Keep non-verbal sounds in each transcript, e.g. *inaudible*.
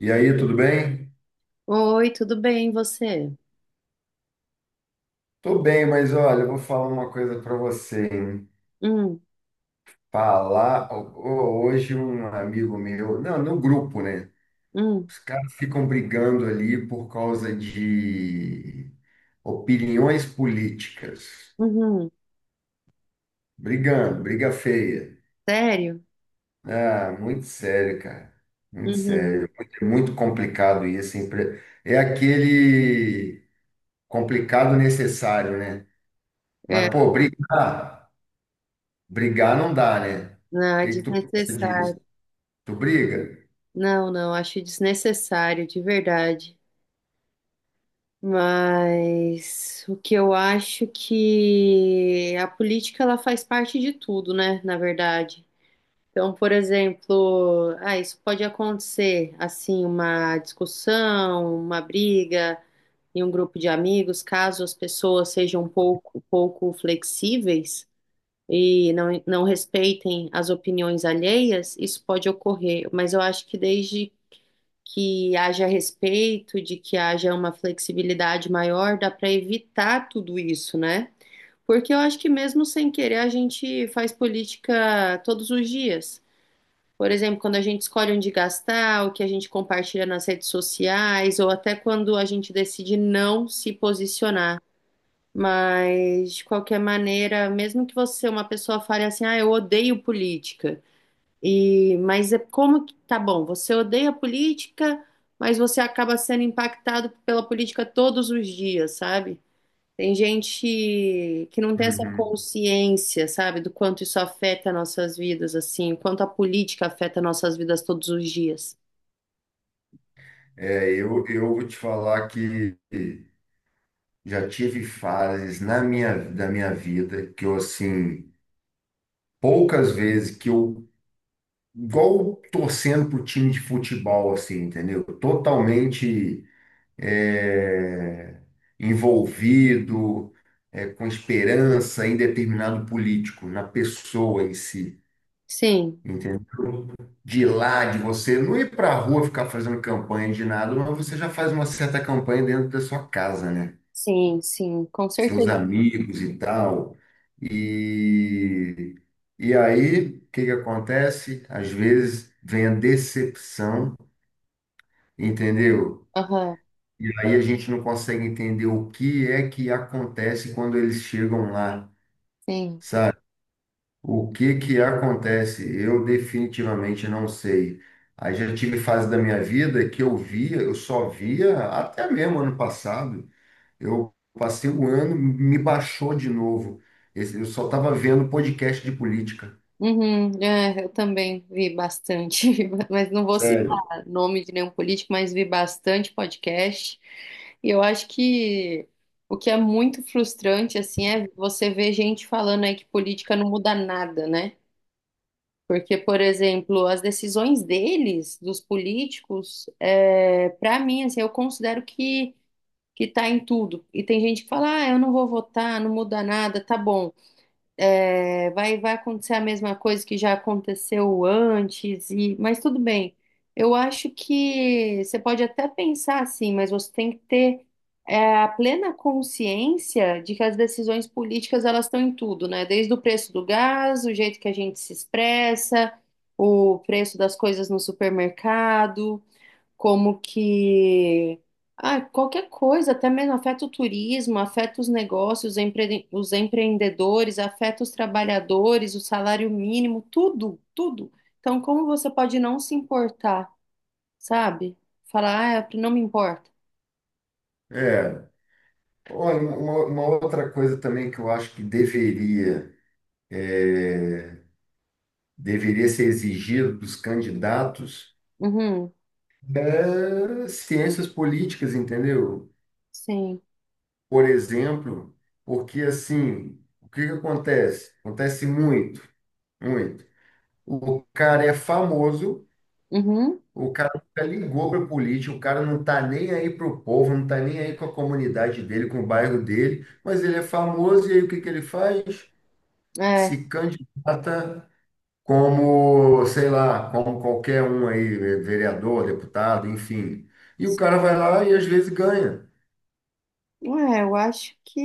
E aí, tudo bem? Oi, tudo bem, e você? Tô bem, mas olha, eu vou falar uma coisa para você, hein? Hum, Falar, hoje um amigo meu, não, no grupo, né? hum, Os caras ficam brigando ali por causa de opiniões políticas. uhum. Brigando, briga feia. Sério? Ah, muito sério, cara. Muito Uhum. sério. Muito, muito complicado isso, hein? É aquele complicado necessário, né? Mas, É, pô, brigar. Brigar não dá, né? O não, é que que tu pensa disso? desnecessário. Tu briga? Não, acho desnecessário, de verdade. Mas o que eu acho que a política ela faz parte de tudo, né, na verdade. Então, por exemplo, ah, isso pode acontecer, assim, uma discussão, uma briga em um grupo de amigos, caso as pessoas sejam pouco flexíveis. E não respeitem as opiniões alheias, isso pode ocorrer, mas eu acho que desde que haja respeito, de que haja uma flexibilidade maior, dá para evitar tudo isso, né? Porque eu acho que mesmo sem querer a gente faz política todos os dias. Por exemplo, quando a gente escolhe onde gastar, o que a gente compartilha nas redes sociais, ou até quando a gente decide não se posicionar. Mas, de qualquer maneira, mesmo que você, uma pessoa, fale assim, ah, eu odeio política. E, mas é como que, tá bom, você odeia política, mas você acaba sendo impactado pela política todos os dias, sabe? Tem gente que não tem essa Uhum. consciência, sabe, do quanto isso afeta nossas vidas, assim, o quanto a política afeta nossas vidas todos os dias. Eu vou te falar que já tive fases na minha vida que eu, assim, poucas vezes que eu, igual torcendo pro time de futebol, assim, entendeu? Totalmente é, envolvido, com esperança em determinado político, na pessoa em si. Sim, Entendeu? De lá, de você não ir para a rua ficar fazendo campanha de nada, mas você já faz uma certa campanha dentro da sua casa, né? sim, sim, com Seus certeza. amigos e tal. E, e aí, o que que acontece? Às vezes vem a decepção, entendeu? Aham, E aí a gente não consegue entender o que é que acontece quando eles chegam lá. sim. O que que acontece? Eu definitivamente não sei. Aí já tive fase da minha vida que eu via, eu só via até mesmo ano passado. Eu passei um ano, me baixou de novo. Eu só estava vendo podcast de política. Uhum, é, eu também vi bastante, *laughs* mas não vou Sério. citar nome de nenhum político, mas vi bastante podcast. E eu acho que o que é muito frustrante, assim, é você ver gente falando aí que política não muda nada, né? Porque, por exemplo, as decisões deles, dos políticos, é, para mim, assim, eu considero que tá em tudo. E tem gente que fala, ah, eu não vou votar, não muda nada, tá bom. É, vai acontecer a mesma coisa que já aconteceu antes, e, mas tudo bem. Eu acho que você pode até pensar assim, mas você tem que ter a plena consciência de que as decisões políticas elas estão em tudo, né? Desde o preço do gás, o jeito que a gente se expressa, o preço das coisas no supermercado como que ah, qualquer coisa, até mesmo afeta o turismo, afeta os negócios, os empreendedores, afeta os trabalhadores, o salário mínimo, tudo. Então, como você pode não se importar, sabe? Falar, ah, eu não me importa. É. Olha, uma outra coisa também que eu acho que é, deveria ser exigido dos candidatos Uhum, é ciências políticas, entendeu? sim. Por exemplo, porque assim, o que que acontece? Acontece muito, muito. O cara é famoso, Uhum, o cara nunca ligou para política, o cara não tá nem aí para o povo, não tá nem aí com a comunidade dele, com o bairro dele, mas ele é famoso e aí o que que ele faz? é. Se candidata como, sei lá, como qualquer um aí, vereador, deputado, enfim. E o cara vai lá e às vezes ganha, Ué, eu acho que.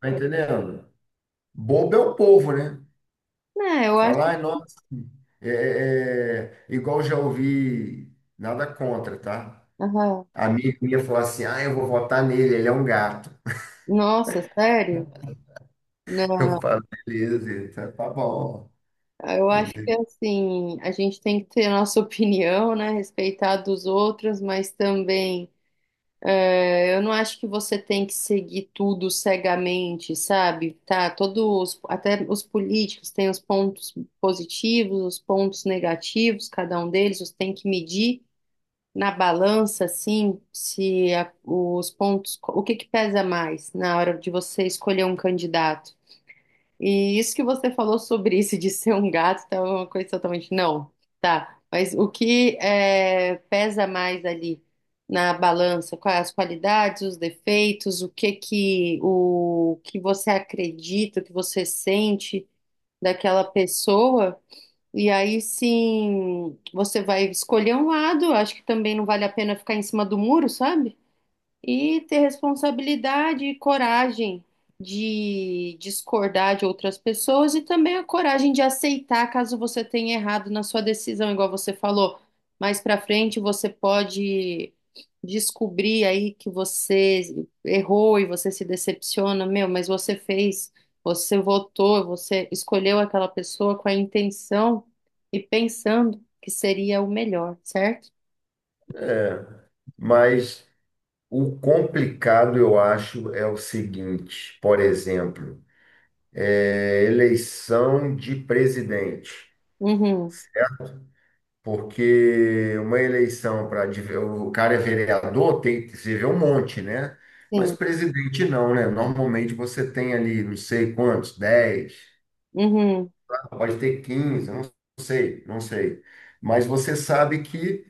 tá entendendo? Bobo é o povo, né? É, eu acho. Falar: "Ai, nossa, é, é, igual já ouvi, nada contra, tá? Aham. Amigo minha falar assim, ah, eu vou votar nele, ele é um gato." Nossa, sério? Né? *laughs* Eu falo, beleza, então tá bom. Ah, eu acho que assim, a gente tem que ter a nossa *laughs* opinião, né? Respeitar a dos outros, mas também eu não acho que você tem que seguir tudo cegamente, sabe? Tá, todos, até os políticos têm os pontos positivos, os pontos negativos, cada um deles, você tem que medir na balança, assim, se a- os pontos, o que que pesa mais na hora de você escolher um candidato. E isso que você falou sobre isso de ser um gato tá é uma coisa totalmente. Não, tá. Mas o que é, pesa mais ali na balança? Quais as qualidades, os defeitos, o que você acredita, o que você sente daquela pessoa? E aí sim, você vai escolher um lado. Acho que também não vale a pena ficar em cima do muro, sabe? E ter responsabilidade e coragem de discordar de outras pessoas e também a coragem de aceitar caso você tenha errado na sua decisão, igual você falou. Mais pra frente você pode descobrir aí que você errou e você se decepciona, meu, mas você fez, você votou, você escolheu aquela pessoa com a intenção e pensando que seria o melhor, certo? Mas o complicado, eu acho, é o seguinte, por exemplo, eleição de presidente. Uhum, Porque uma eleição para o cara é vereador, tem que se vê um monte, né? Mas sim. presidente não, né? Normalmente você tem ali, não sei quantos, 10, Uhum, pode ter 15, não sei, não sei. Mas você sabe que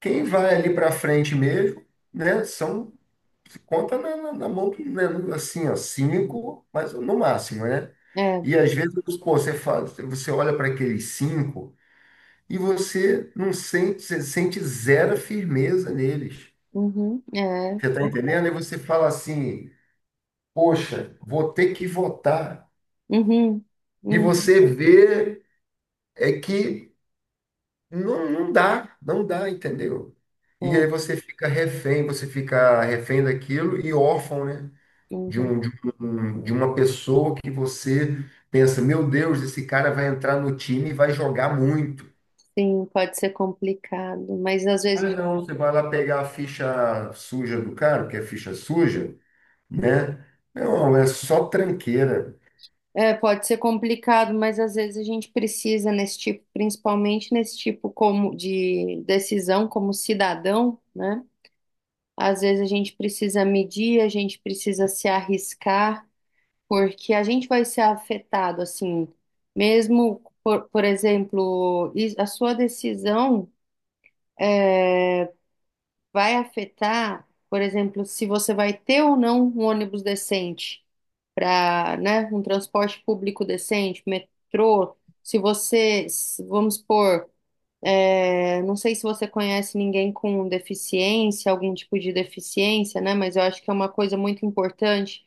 quem vai ali para frente mesmo, né, são se conta na mão, né, assim, ó, cinco, mas no máximo, né? é. E às vezes, pô, você fala, você olha para aqueles cinco e você não sente, você sente zero firmeza neles. Uhum, é. Você está entendendo? E você fala assim, poxa, vou ter que votar. Uhum, E uhum, você vê é que não dá, não dá, entendeu? E aí é. Você fica refém daquilo e órfão, né? De Uhum. um, de de uma pessoa que você pensa, meu Deus, esse cara vai entrar no time e vai jogar muito. Sim, pode ser complicado, mas às Ah, vezes não, você vai lá pegar a ficha suja do cara, porque é ficha suja, né? Não, é só tranqueira. A gente precisa nesse tipo, principalmente nesse tipo como de decisão como cidadão, né? Às vezes a gente precisa medir, a gente precisa se arriscar, porque a gente vai ser afetado, assim, mesmo por exemplo, a sua decisão. É, vai afetar, por exemplo, se você vai ter ou não um ônibus decente para, né, um transporte público decente, metrô, se você, vamos supor, é, não sei se você conhece ninguém com deficiência, algum tipo de deficiência, né? Mas eu acho que é uma coisa muito importante.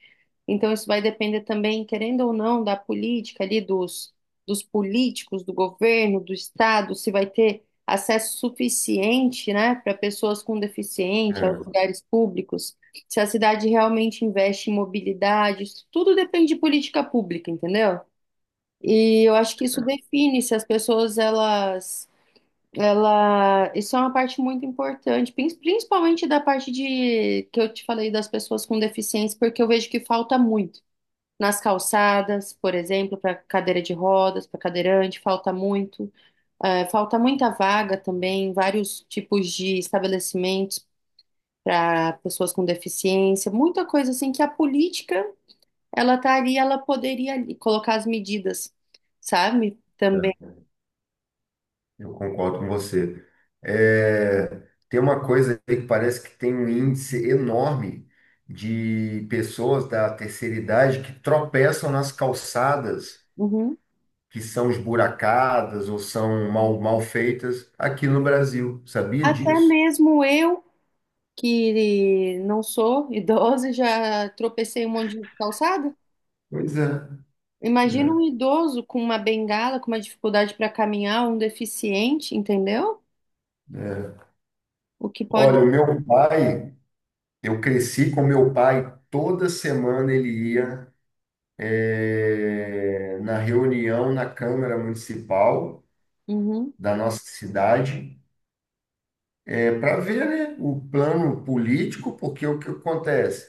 Então, isso vai depender também, querendo ou não, da política ali, dos políticos, do governo, do Estado, se vai ter acesso suficiente, né, para pessoas com deficiência aos É, lugares públicos, se a cidade realmente investe em mobilidade, isso tudo depende de política pública, entendeu? E eu acho que isso define se as pessoas elas ela, isso é uma parte muito importante, principalmente da parte de que eu te falei das pessoas com deficiência, porque eu vejo que falta muito nas calçadas, por exemplo, para cadeira de rodas, para cadeirante, falta muito. Falta muita vaga também, vários tipos de estabelecimentos para pessoas com deficiência, muita coisa assim que a política ela tá ali, ela poderia ali colocar as medidas, sabe? Também. É, eu concordo com você. É, tem uma coisa aí que parece que tem um índice enorme de pessoas da terceira idade que tropeçam nas calçadas Uhum. que são esburacadas ou são mal, mal feitas aqui no Brasil. Sabia Até disso? mesmo eu que não sou idosa, e já tropecei um monte de calçada. Pois é. Imagina um idoso com uma bengala, com uma dificuldade para caminhar, um deficiente, entendeu? É. O que pode. Olha, o meu pai, eu cresci com meu pai, toda semana ele ia. Na reunião na Câmara Municipal Uhum, da nossa cidade, para ver, né, o plano político, porque o que acontece?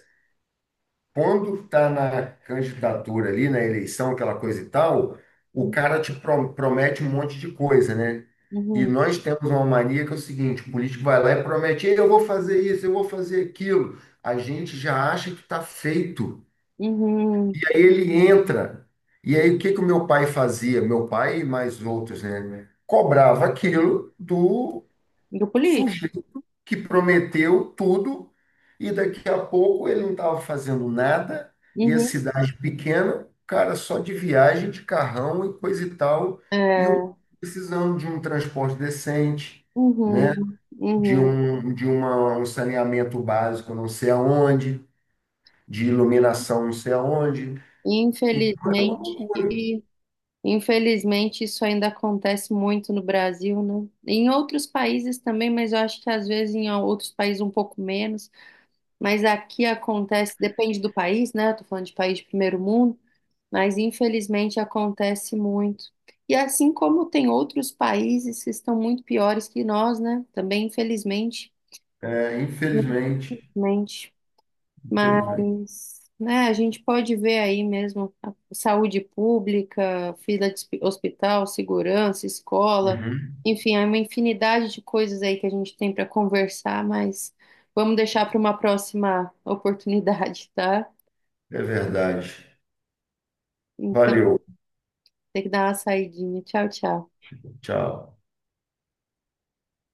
Quando está na candidatura ali, na eleição, aquela coisa e tal, o cara te promete um monte de coisa, né? E uhum, nós temos uma mania que é o seguinte, o político vai lá e promete: "Ei, eu vou fazer isso, eu vou fazer aquilo." A gente já acha que está feito. uhum. Aí ele entra. E aí o que que o meu pai fazia? Meu pai e mais outros, né? Cobrava aquilo do Grupo líder. sujeito que prometeu tudo e daqui a pouco ele não estava fazendo nada, e a Uhum, cidade pequena, cara, só de viagem, de carrão e coisa e tal, e o é, precisando de um transporte decente, né? uhum, De uhum. um, de uma, um saneamento básico, não sei aonde, de iluminação, não sei aonde. Então, é uma Infelizmente, loucura. infelizmente isso ainda acontece muito no Brasil, né? Em outros países também, mas eu acho que às vezes em outros países um pouco menos. Mas aqui acontece, depende do país, né? Eu tô falando de país de primeiro mundo, mas infelizmente acontece muito. E assim como tem outros países que estão muito piores que nós, né? Também, infelizmente, É, infelizmente, infelizmente. infelizmente, Mas, né, a gente pode ver aí mesmo a saúde pública, fila de hospital, segurança, escola, uhum. enfim, há uma infinidade de coisas aí que a gente tem para conversar, mas vamos deixar para uma próxima oportunidade, tá? É verdade. Então, Valeu, tem que dar uma saidinha. Tchau, tchau. tchau.